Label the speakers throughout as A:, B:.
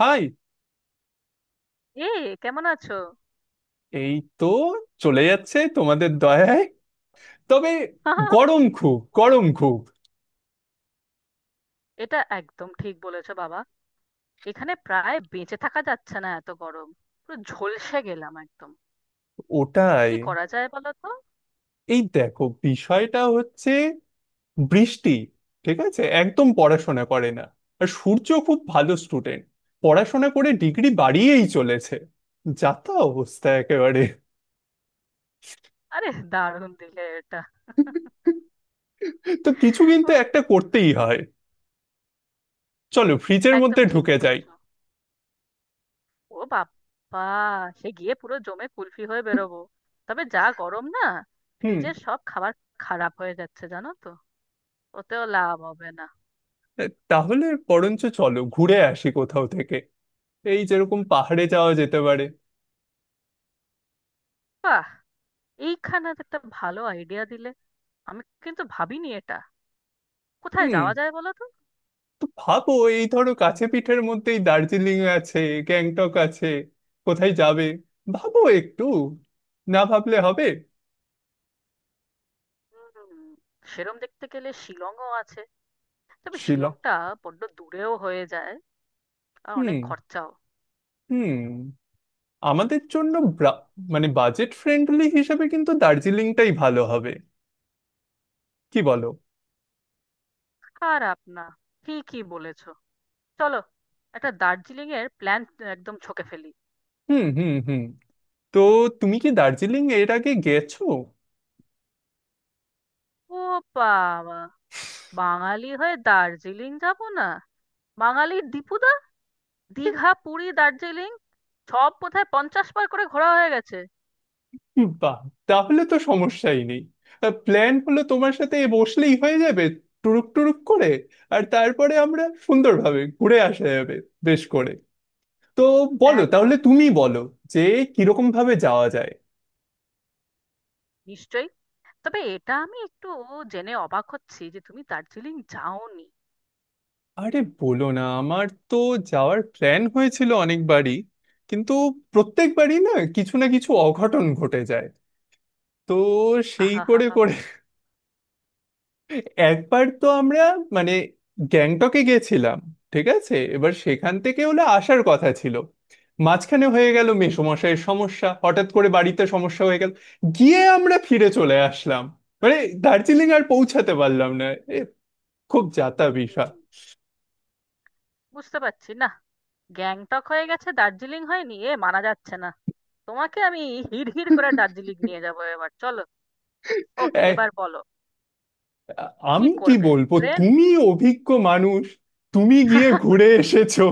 A: High.
B: এই, কেমন আছো?
A: এই তো, চলে যাচ্ছে তোমাদের দয়ায়। তবে গরম, খুব গরম খুব।
B: এটা একদম ঠিক বলেছো বাবা। এখানে প্রায় বেঁচে থাকা যাচ্ছে না, এত গরম। পুরো ঝলসে গেলাম একদম।
A: ওটাই।
B: কি করা যায় বলো তো?
A: এই দেখো, বিষয়টা হচ্ছে বৃষ্টি ঠিক আছে একদম পড়াশোনা করে না। আর সূর্য খুব ভালো স্টুডেন্ট, পড়াশোনা করে ডিগ্রি বাড়িয়েই চলেছে। যা তা অবস্থা একেবারে।
B: আরে দারুণ দিলে এটা।
A: তো কিছু কিন্তু
B: উহ,
A: একটা করতেই হয়। চলো ফ্রিজের
B: একদম
A: মধ্যে
B: ঠিক
A: ঢুকে যাই।
B: বলেছো। ও বাবা, সে গিয়ে পুরো জমে কুলফি হয়ে বেরোবো। তবে যা গরম না,
A: হুম।
B: ফ্রিজের সব খাবার খারাপ হয়ে যাচ্ছে জানো তো, ওতেও লাভ হবে না।
A: তাহলে বরঞ্চ চলো ঘুরে আসি কোথাও থেকে। এই যেরকম পাহাড়ে যাওয়া যেতে পারে।
B: বাহ, এইখানে তো একটা ভালো আইডিয়া দিলে। আমি কিন্তু ভাবিনি এটা। কোথায়
A: হুম।
B: যাওয়া যায় বলো তো?
A: তো ভাবো, এই ধরো কাছে পিঠের মধ্যেই দার্জিলিং আছে, গ্যাংটক আছে। কোথায় যাবে ভাবো একটু, না ভাবলে হবে।
B: হুম, সেরম দেখতে গেলে শিলংও আছে। তবে
A: শিলং।
B: শিলংটা বড্ড দূরেও হয়ে যায়, আর অনেক
A: হুম।
B: খরচাও।
A: হুম। আমাদের জন্য মানে বাজেট ফ্রেন্ডলি হিসেবে কিন্তু দার্জিলিংটাই ভালো হবে, কি বলো।
B: খারাপ না, ঠিকই বলেছো। চলো, একটা দার্জিলিং এর প্ল্যান একদম ছকে ফেলি।
A: হুম হুম হুম। তো তুমি কি দার্জিলিং এর আগে গেছো?
B: ও বাবা, বাঙালি হয়ে দার্জিলিং যাব না? বাঙালি দীপুদা, দীঘা পুরী দার্জিলিং, সব বোধহয় 50 বার করে ঘোরা হয়ে গেছে।
A: বাহ, তাহলে তো সমস্যাই নেই। প্ল্যান হলো, তোমার সাথে বসলেই হয়ে যাবে টুরুক টুরুক করে, আর তারপরে আমরা সুন্দরভাবে ঘুরে আসা যাবে বেশ করে। তো বলো, তাহলে
B: একদম,
A: তুমি বলো যে কিরকম ভাবে যাওয়া যায়।
B: নিশ্চয়ই। তবে এটা আমি একটু জেনে অবাক হচ্ছি যে তুমি দার্জিলিং যাওনি।
A: আরে বলো না, আমার তো যাওয়ার প্ল্যান হয়েছিল অনেকবারই, কিন্তু প্রত্যেকবারই না কিছু না কিছু অঘটন ঘটে যায়। তো সেই
B: আহা হা
A: করে করে একবার তো আমরা মানে গ্যাংটকে গেছিলাম। ঠিক আছে, এবার সেখান থেকে হলে আসার কথা ছিল। মাঝখানে হয়ে গেল মেসোমশাইয়ের সমস্যা, হঠাৎ করে বাড়িতে সমস্যা হয়ে গেল, গিয়ে আমরা ফিরে চলে আসলাম। মানে দার্জিলিং আর পৌঁছাতে পারলাম না। এ, খুব যাতা
B: হা,
A: বিষয়।
B: বুঝতে পারছি না। গ্যাংটক হয়ে গেছে দার্জিলিং হয়নি, এ মানা যাচ্ছে না। তোমাকে আমি হিড়হিড় করে দার্জিলিং নিয়ে যাবো, এবার চলো। ওকে, এবার
A: এক-
B: বলো কি
A: আমি কি
B: করবে।
A: বলবো,
B: ট্রেন?
A: তুমি অভিজ্ঞ মানুষ, তুমি গিয়ে ঘুরে এসেছো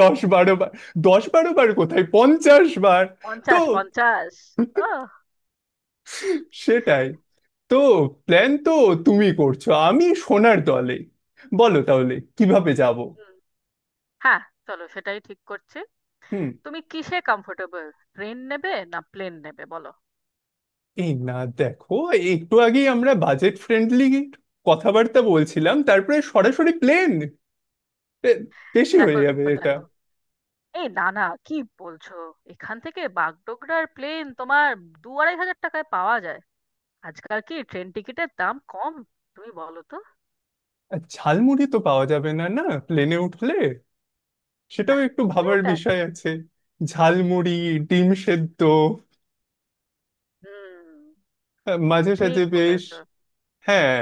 A: 10-12 বার। 10-12 বার কোথায়, 50 বার। তো
B: পঞ্চাশ পঞ্চাশ। ও, হুম,
A: সেটাই। তো প্ল্যান তো তুমি করছো, আমি সোনার দলে। বলো তাহলে কিভাবে যাব।
B: হ্যাঁ চলো, সেটাই ঠিক করছি।
A: হুম।
B: তুমি কিসে কমফোর্টেবল? ট্রেন নেবে না প্লেন নেবে বলো।
A: এই না, দেখো, একটু আগেই আমরা বাজেট ফ্রেন্ডলি কথাবার্তা বলছিলাম, তারপরে সরাসরি প্লেন বেশি হয়ে
B: দেখো
A: যাবে
B: দেখো
A: এটা।
B: দেখো, এই না না কি বলছো? এখান থেকে বাগডোগরার প্লেন তোমার দু আড়াই হাজার টাকায় পাওয়া যায়। আজকাল কি ট্রেন টিকিটের দাম কম? তুমি বলো তো।
A: আর ঝালমুড়ি তো পাওয়া যাবে না না প্লেনে উঠলে, সেটাও
B: না,
A: একটু ভাবার
B: সেটা
A: বিষয়
B: ঠিক।
A: আছে। ঝালমুড়ি, ডিম সেদ্ধ,
B: হুম,
A: মাঝে
B: ঠিক
A: সাঝে বেশ।
B: বলেছো।
A: হ্যাঁ,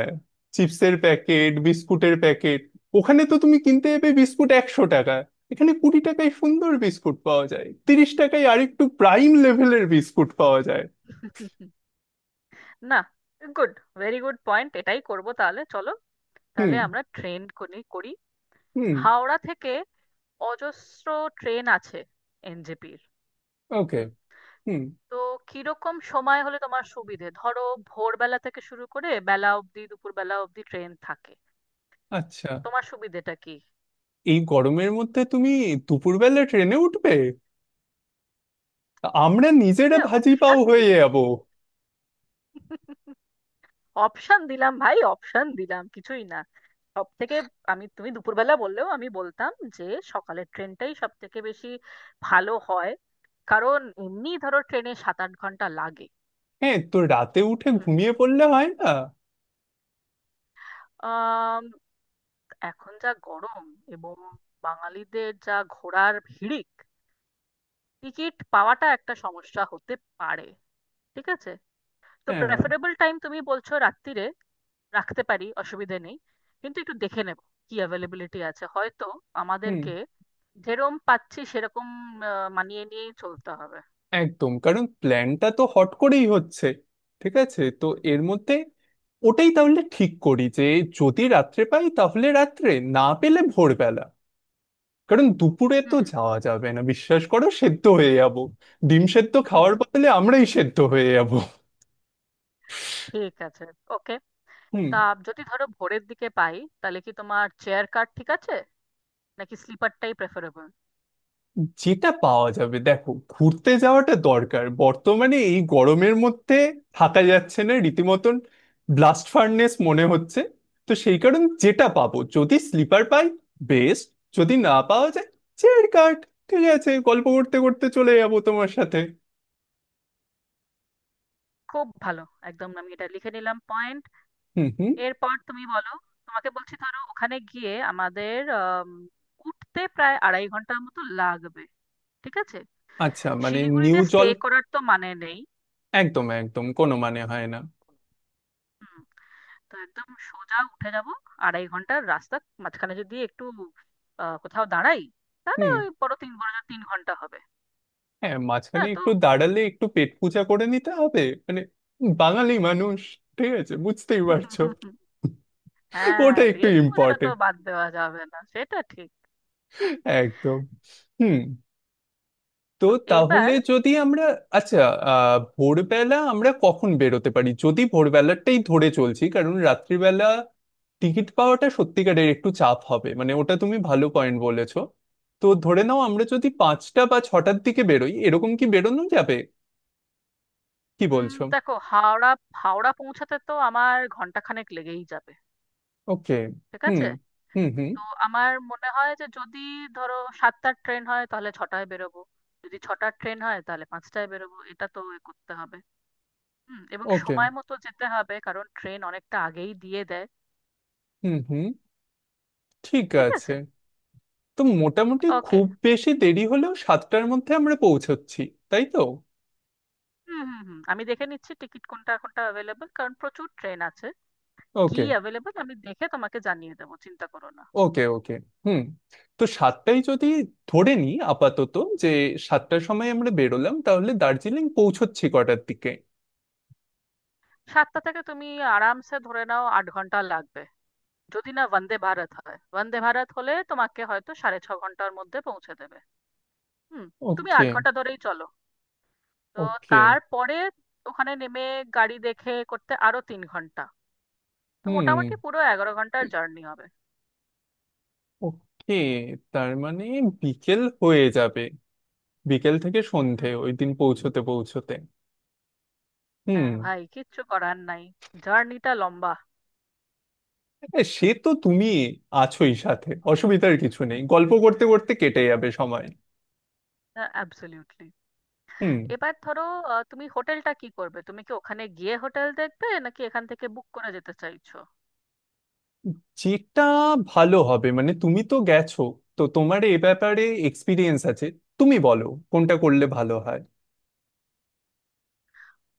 A: চিপসের প্যাকেট, বিস্কুটের প্যাকেট, ওখানে তো তুমি কিনতে যাবে বিস্কুট 100 টাকা, এখানে 20 টাকায় সুন্দর বিস্কুট পাওয়া যায়, 30 টাকায় আরেকটু প্রাইম লেভেলের বিস্কুট পাওয়া যায়।
B: না, গুড। ভেরি গুড পয়েন্ট, এটাই করব তাহলে। চলো
A: হুম
B: তাহলে আমরা ট্রেন করি করি।
A: হুম।
B: হাওড়া থেকে অজস্র ট্রেন আছে এনজেপির।
A: ওকে।
B: হুম,
A: হুম।
B: তো কিরকম সময় হলে তোমার সুবিধে? ধরো ভোরবেলা থেকে শুরু করে বেলা অবধি, দুপুর বেলা অবধি ট্রেন থাকে।
A: আচ্ছা,
B: তোমার সুবিধেটা কি?
A: এই গরমের মধ্যে তুমি দুপুরবেলা ট্রেনে উঠবে, আমরা
B: তোমাকে
A: নিজেরা ভাজি পাও
B: অপশন
A: হয়ে
B: দিচ্ছি,
A: যাবো।
B: অপশন দিলাম ভাই, অপশন দিলাম কিছুই না। সব থেকে, আমি, তুমি দুপুরবেলা বললেও আমি বলতাম যে সকালের ট্রেনটাই সব থেকে বেশি ভালো হয়। কারণ এমনি ধরো ট্রেনে 7-8 ঘন্টা লাগে।
A: হ্যাঁ, তো রাতে উঠে
B: হুম,
A: ঘুমিয়ে পড়লে হয় না?
B: আম, এখন যা গরম, এবং বাঙালিদের যা ঘোরার হিড়িক, টিকিট পাওয়াটা একটা সমস্যা হতে পারে। ঠিক আছে, তো
A: হ্যাঁ।
B: প্রেফারেবল টাইম তুমি বলছো রাত্তিরে, রাখতে পারি অসুবিধে নেই। কিন্তু একটু দেখে নেব কি অ্যাভেলেবিলিটি আছে, হয়তো
A: হুম।
B: আমাদেরকে যেরকম পাচ্ছি সেরকম মানিয়ে নিয়েই চলতে হবে।
A: একদম, কারণ প্ল্যানটা তো হট করেই হচ্ছে। ঠিক আছে, তো এর মধ্যে ওটাই তাহলে ঠিক করি যে যদি রাত্রে পাই তাহলে রাত্রে, না পেলে ভোরবেলা, কারণ দুপুরে তো
B: হুম।
A: যাওয়া যাবে না, বিশ্বাস করো সেদ্ধ হয়ে যাব। ডিম সেদ্ধ খাওয়ার
B: হুম।
A: বদলে আমরাই সেদ্ধ হয়ে যাব।
B: ঠিক আছে, ওকে।
A: হুম।
B: তা, যদি ধরো ভোরের দিকে পাই, তাহলে কি তোমার চেয়ার কার ঠিক আছে নাকি স্লিপারটাই প্রেফারেবল?
A: যেটা পাওয়া যাবে। দেখো, ঘুরতে যাওয়াটা দরকার, বর্তমানে এই গরমের মধ্যে থাকা যাচ্ছে না রীতিমতন, ব্লাস্ট ফার্নেস মনে হচ্ছে। তো সেই কারণে যেটা পাবো, যদি স্লিপার পাই বেস্ট, যদি না পাওয়া যায় চেয়ার কাট ঠিক আছে, গল্প করতে করতে চলে যাবো তোমার সাথে।
B: খুব ভালো, একদম আমি এটা লিখে নিলাম পয়েন্ট।
A: হুম হুম।
B: এরপর তুমি বলো। তোমাকে বলছি ধরো ওখানে গিয়ে আমাদের উঠতে প্রায় 2.5 ঘন্টার মতো লাগবে। ঠিক আছে,
A: আচ্ছা মানে নিউ
B: শিলিগুড়িতে স্টে
A: জল।
B: করার তো মানে নেই।
A: একদম একদম, কোনো মানে হয় না।
B: হুম, তো একদম সোজা উঠে যাব। 2.5 ঘন্টার রাস্তা, মাঝখানে যদি একটু কোথাও দাঁড়াই, তাহলে
A: হুম।
B: ওই বড় তিন, বড় জোর 3 ঘন্টা হবে।
A: হ্যাঁ, মাঝখানে
B: হ্যাঁ তো,
A: একটু দাঁড়ালে একটু পেট পূজা করে নিতে হবে। মানে বাঙালি
B: হুম।
A: মানুষ, ঠিক আছে বুঝতেই পারছো।
B: হ্যাঁ
A: ওটা একটু
B: পেট পূজাটা তো
A: ইম্পর্টেন্ট।
B: বাদ দেওয়া যাবে না, সেটা ঠিক।
A: একদম। হুম। তো
B: তো
A: তাহলে
B: এইবার,
A: যদি আমরা আচ্ছা ভোরবেলা আমরা কখন বেরোতে পারি, যদি ভোরবেলাটাই ধরে চলছি, কারণ রাত্রিবেলা টিকিট পাওয়াটা সত্যিকারের একটু চাপ হবে, মানে ওটা তুমি ভালো পয়েন্ট বলেছো। তো ধরে নাও আমরা যদি 5টা বা 6টার দিকে বেরোই এরকম, কি বেরোনো যাবে? কি বলছো?
B: দেখো, হাওড়া, হাওড়া পৌঁছাতে তো আমার ঘন্টাখানেক লেগেই যাবে।
A: ওকে।
B: ঠিক
A: হুম
B: আছে,
A: হুম হুম।
B: তো আমার মনে হয় যে যদি ধরো সাতটার ট্রেন হয় তাহলে ছটায় বেরোবো, যদি ছটার ট্রেন হয় তাহলে পাঁচটায় বেরোবো, এটা তো এ করতে হবে। হুম, এবং
A: ওকে।
B: সময় মতো যেতে হবে, কারণ ট্রেন অনেকটা আগেই দিয়ে দেয়।
A: হুম হুম। ঠিক
B: ঠিক
A: আছে,
B: আছে,
A: তো মোটামুটি
B: ওকে।
A: খুব বেশি দেরি হলেও 7টার মধ্যে আমরা পৌঁছচ্ছি, তাই তো?
B: হুম হুম হুম, আমি দেখে নিচ্ছি টিকিট কোনটা কোনটা অ্যাভেলেবল, কারণ প্রচুর ট্রেন আছে। কি
A: ওকে
B: অ্যাভেলেবল আমি দেখে তোমাকে জানিয়ে দেবো, চিন্তা করো না।
A: ওকে। ওকে। হুম। তো 7টায় যদি ধরে নিই আপাতত যে 7টার সময় আমরা বেরোলাম, তাহলে দার্জিলিং পৌঁছচ্ছি কটার দিকে?
B: সাতটা থেকে তুমি আরামসে ধরে নাও 8 ঘন্টা লাগবে, যদি না বন্দে ভারত হয়। বন্দে ভারত হলে তোমাকে হয়তো 6.5 ঘন্টার মধ্যে পৌঁছে দেবে। হুম, তুমি আট
A: ওকে।
B: ঘন্টা ধরেই চলো। তো
A: ওকে।
B: তারপরে ওখানে নেমে গাড়ি দেখে করতে আরো 3 ঘন্টা, তো
A: হুম।
B: মোটামুটি পুরো 11 ঘন্টার জার্নি হবে।
A: ওকে। তার মানে বিকেল হয়ে যাবে, বিকেল থেকে সন্ধে
B: হুম,
A: ওই দিন পৌঁছতে পৌঁছতে। হুম।
B: হ্যাঁ ভাই কিচ্ছু করার নাই, জার্নিটা লম্বা।
A: সে তো তুমি আছোই সাথে, অসুবিধার কিছু নেই, গল্প করতে করতে কেটে যাবে সময়।
B: অ্যাবসলিউটলি।
A: হুম।
B: এবার ধরো, তুমি হোটেলটা কি করবে? তুমি কি ওখানে গিয়ে হোটেল দেখবে, নাকি এখান থেকে বুক করে যেতে চাইছো?
A: যেটা ভালো হবে, মানে তুমি তো গেছো, তো তোমার এ ব্যাপারে এক্সপিরিয়েন্স আছে, তুমি বলো কোনটা করলে ভালো হয়।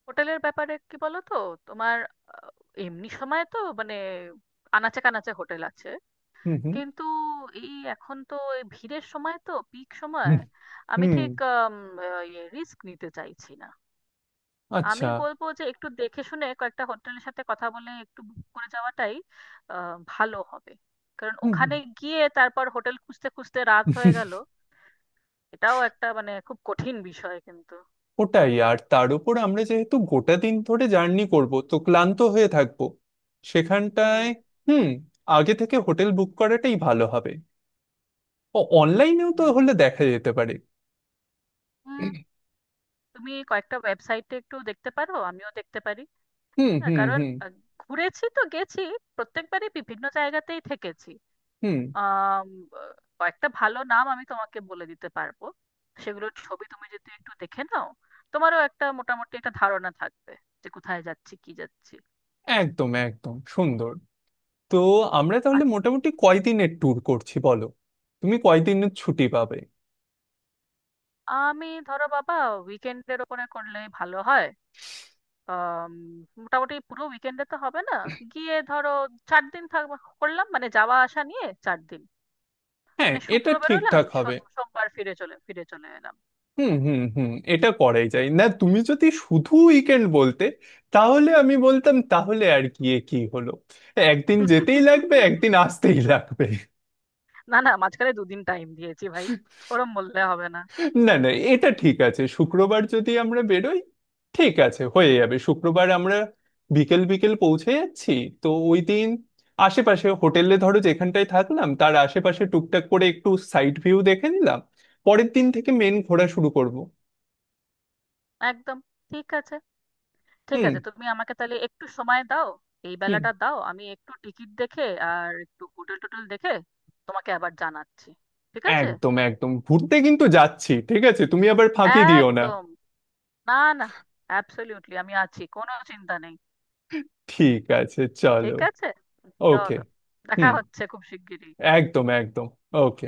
B: হোটেলের ব্যাপারে কি বলো তো তোমার, আহ, এমনি সময় তো মানে আনাচে কানাচে হোটেল আছে,
A: হুম হুম
B: কিন্তু এই এখন তো এই ভিড়ের সময় তো পিক সময়।
A: হুম।
B: আমি
A: হুম,
B: ঠিক রিস্ক নিতে চাইছি না। আমি
A: আচ্ছা।
B: বলবো যে একটু দেখে শুনে কয়েকটা হোটেলের সাথে কথা বলে একটু বুক করে যাওয়াটাই ভালো হবে। কারণ
A: হুম হুম।
B: ওখানে গিয়ে তারপর হোটেল খুঁজতে খুঁজতে রাত হয়ে গেল, এটাও একটা মানে খুব কঠিন বিষয় কিন্তু।
A: ওটাই, আর তার উপর আমরা যেহেতু গোটা দিন ধরে জার্নি করব, তো ক্লান্ত হয়ে থাকবো
B: হুম,
A: সেখানটায়। হুম। আগে থেকে হোটেল বুক করাটাই ভালো হবে। ও অনলাইনেও তো
B: হুম,
A: হলে দেখা যেতে পারে।
B: হুম, তুমি কয়েকটা ওয়েবসাইটে একটু দেখতে পারো, আমিও দেখতে পারি।
A: হুম
B: হ্যাঁ
A: হুম
B: কারণ
A: হুম।
B: ঘুরেছি তো, গেছি প্রত্যেকবারই বিভিন্ন জায়গাতেই থেকেছি।
A: হুম।
B: আম, কয়েকটা ভালো নাম আমি তোমাকে বলে দিতে পারবো, সেগুলোর ছবি তুমি যদি একটু দেখে নাও, তোমারও একটা মোটামুটি একটা ধারণা থাকবে যে কোথায় যাচ্ছি কি যাচ্ছি।
A: একদম একদম, সুন্দর। তো আমরা
B: আর,
A: তাহলে মোটামুটি কয়দিনের ট্যুর করছি বলো, তুমি কয়দিনের ছুটি পাবে?
B: আমি ধরো বাবা উইকেন্ডের ওপরে করলে ভালো হয়। আম, মোটামুটি পুরো উইকেন্ডে তো হবে না। গিয়ে ধরো 4 দিন থাকবো, করলাম মানে যাওয়া আসা নিয়ে 4 দিন।
A: হ্যাঁ,
B: মানে
A: এটা
B: শুক্র বেরোলাম,
A: ঠিকঠাক হবে।
B: সোমবার ফিরে চলে এলাম।
A: হুম হুম হুম, এটা করাই যায়। না তুমি যদি শুধু উইকেন্ড বলতে, তাহলে আমি বলতাম তাহলে আর গিয়ে কি হলো, একদিন যেতেই লাগবে একদিন আসতেই লাগবে।
B: না না মাঝখানে 2 দিন টাইম দিয়েছি ভাই, ওরম বললে হবে না।
A: না না, এটা ঠিক আছে। শুক্রবার যদি আমরা বেরোই ঠিক আছে, হয়ে যাবে। শুক্রবার আমরা বিকেল বিকেল পৌঁছে যাচ্ছি, তো ওই দিন আশেপাশে হোটেলে ধরো যেখানটায় থাকলাম তার আশেপাশে টুকটাক করে একটু সাইড ভিউ দেখে নিলাম, পরের দিন থেকে মেন ঘোরা শুরু করব।
B: একদম। ঠিক আছে, ঠিক
A: হুম
B: আছে, তুমি আমাকে তাহলে একটু সময় দাও। এই
A: হুম।
B: বেলাটা দাও, আমি একটু টিকিট দেখে আর একটু হোটেল টোটেল দেখে তোমাকে আবার জানাচ্ছি। ঠিক আছে।
A: একদম একদম ঘুরতে কিন্তু যাচ্ছি, ঠিক আছে, তুমি আবার ফাঁকি দিও না।
B: একদম, না, না, অ্যাবসলিউটলি, আমি আছি, কোনো চিন্তা নেই।
A: ঠিক আছে চলো।
B: ঠিক আছে
A: ওকে।
B: চলো। দেখা
A: হুম।
B: হচ্ছে খুব শিগগিরই।
A: একদম একদম। ওকে।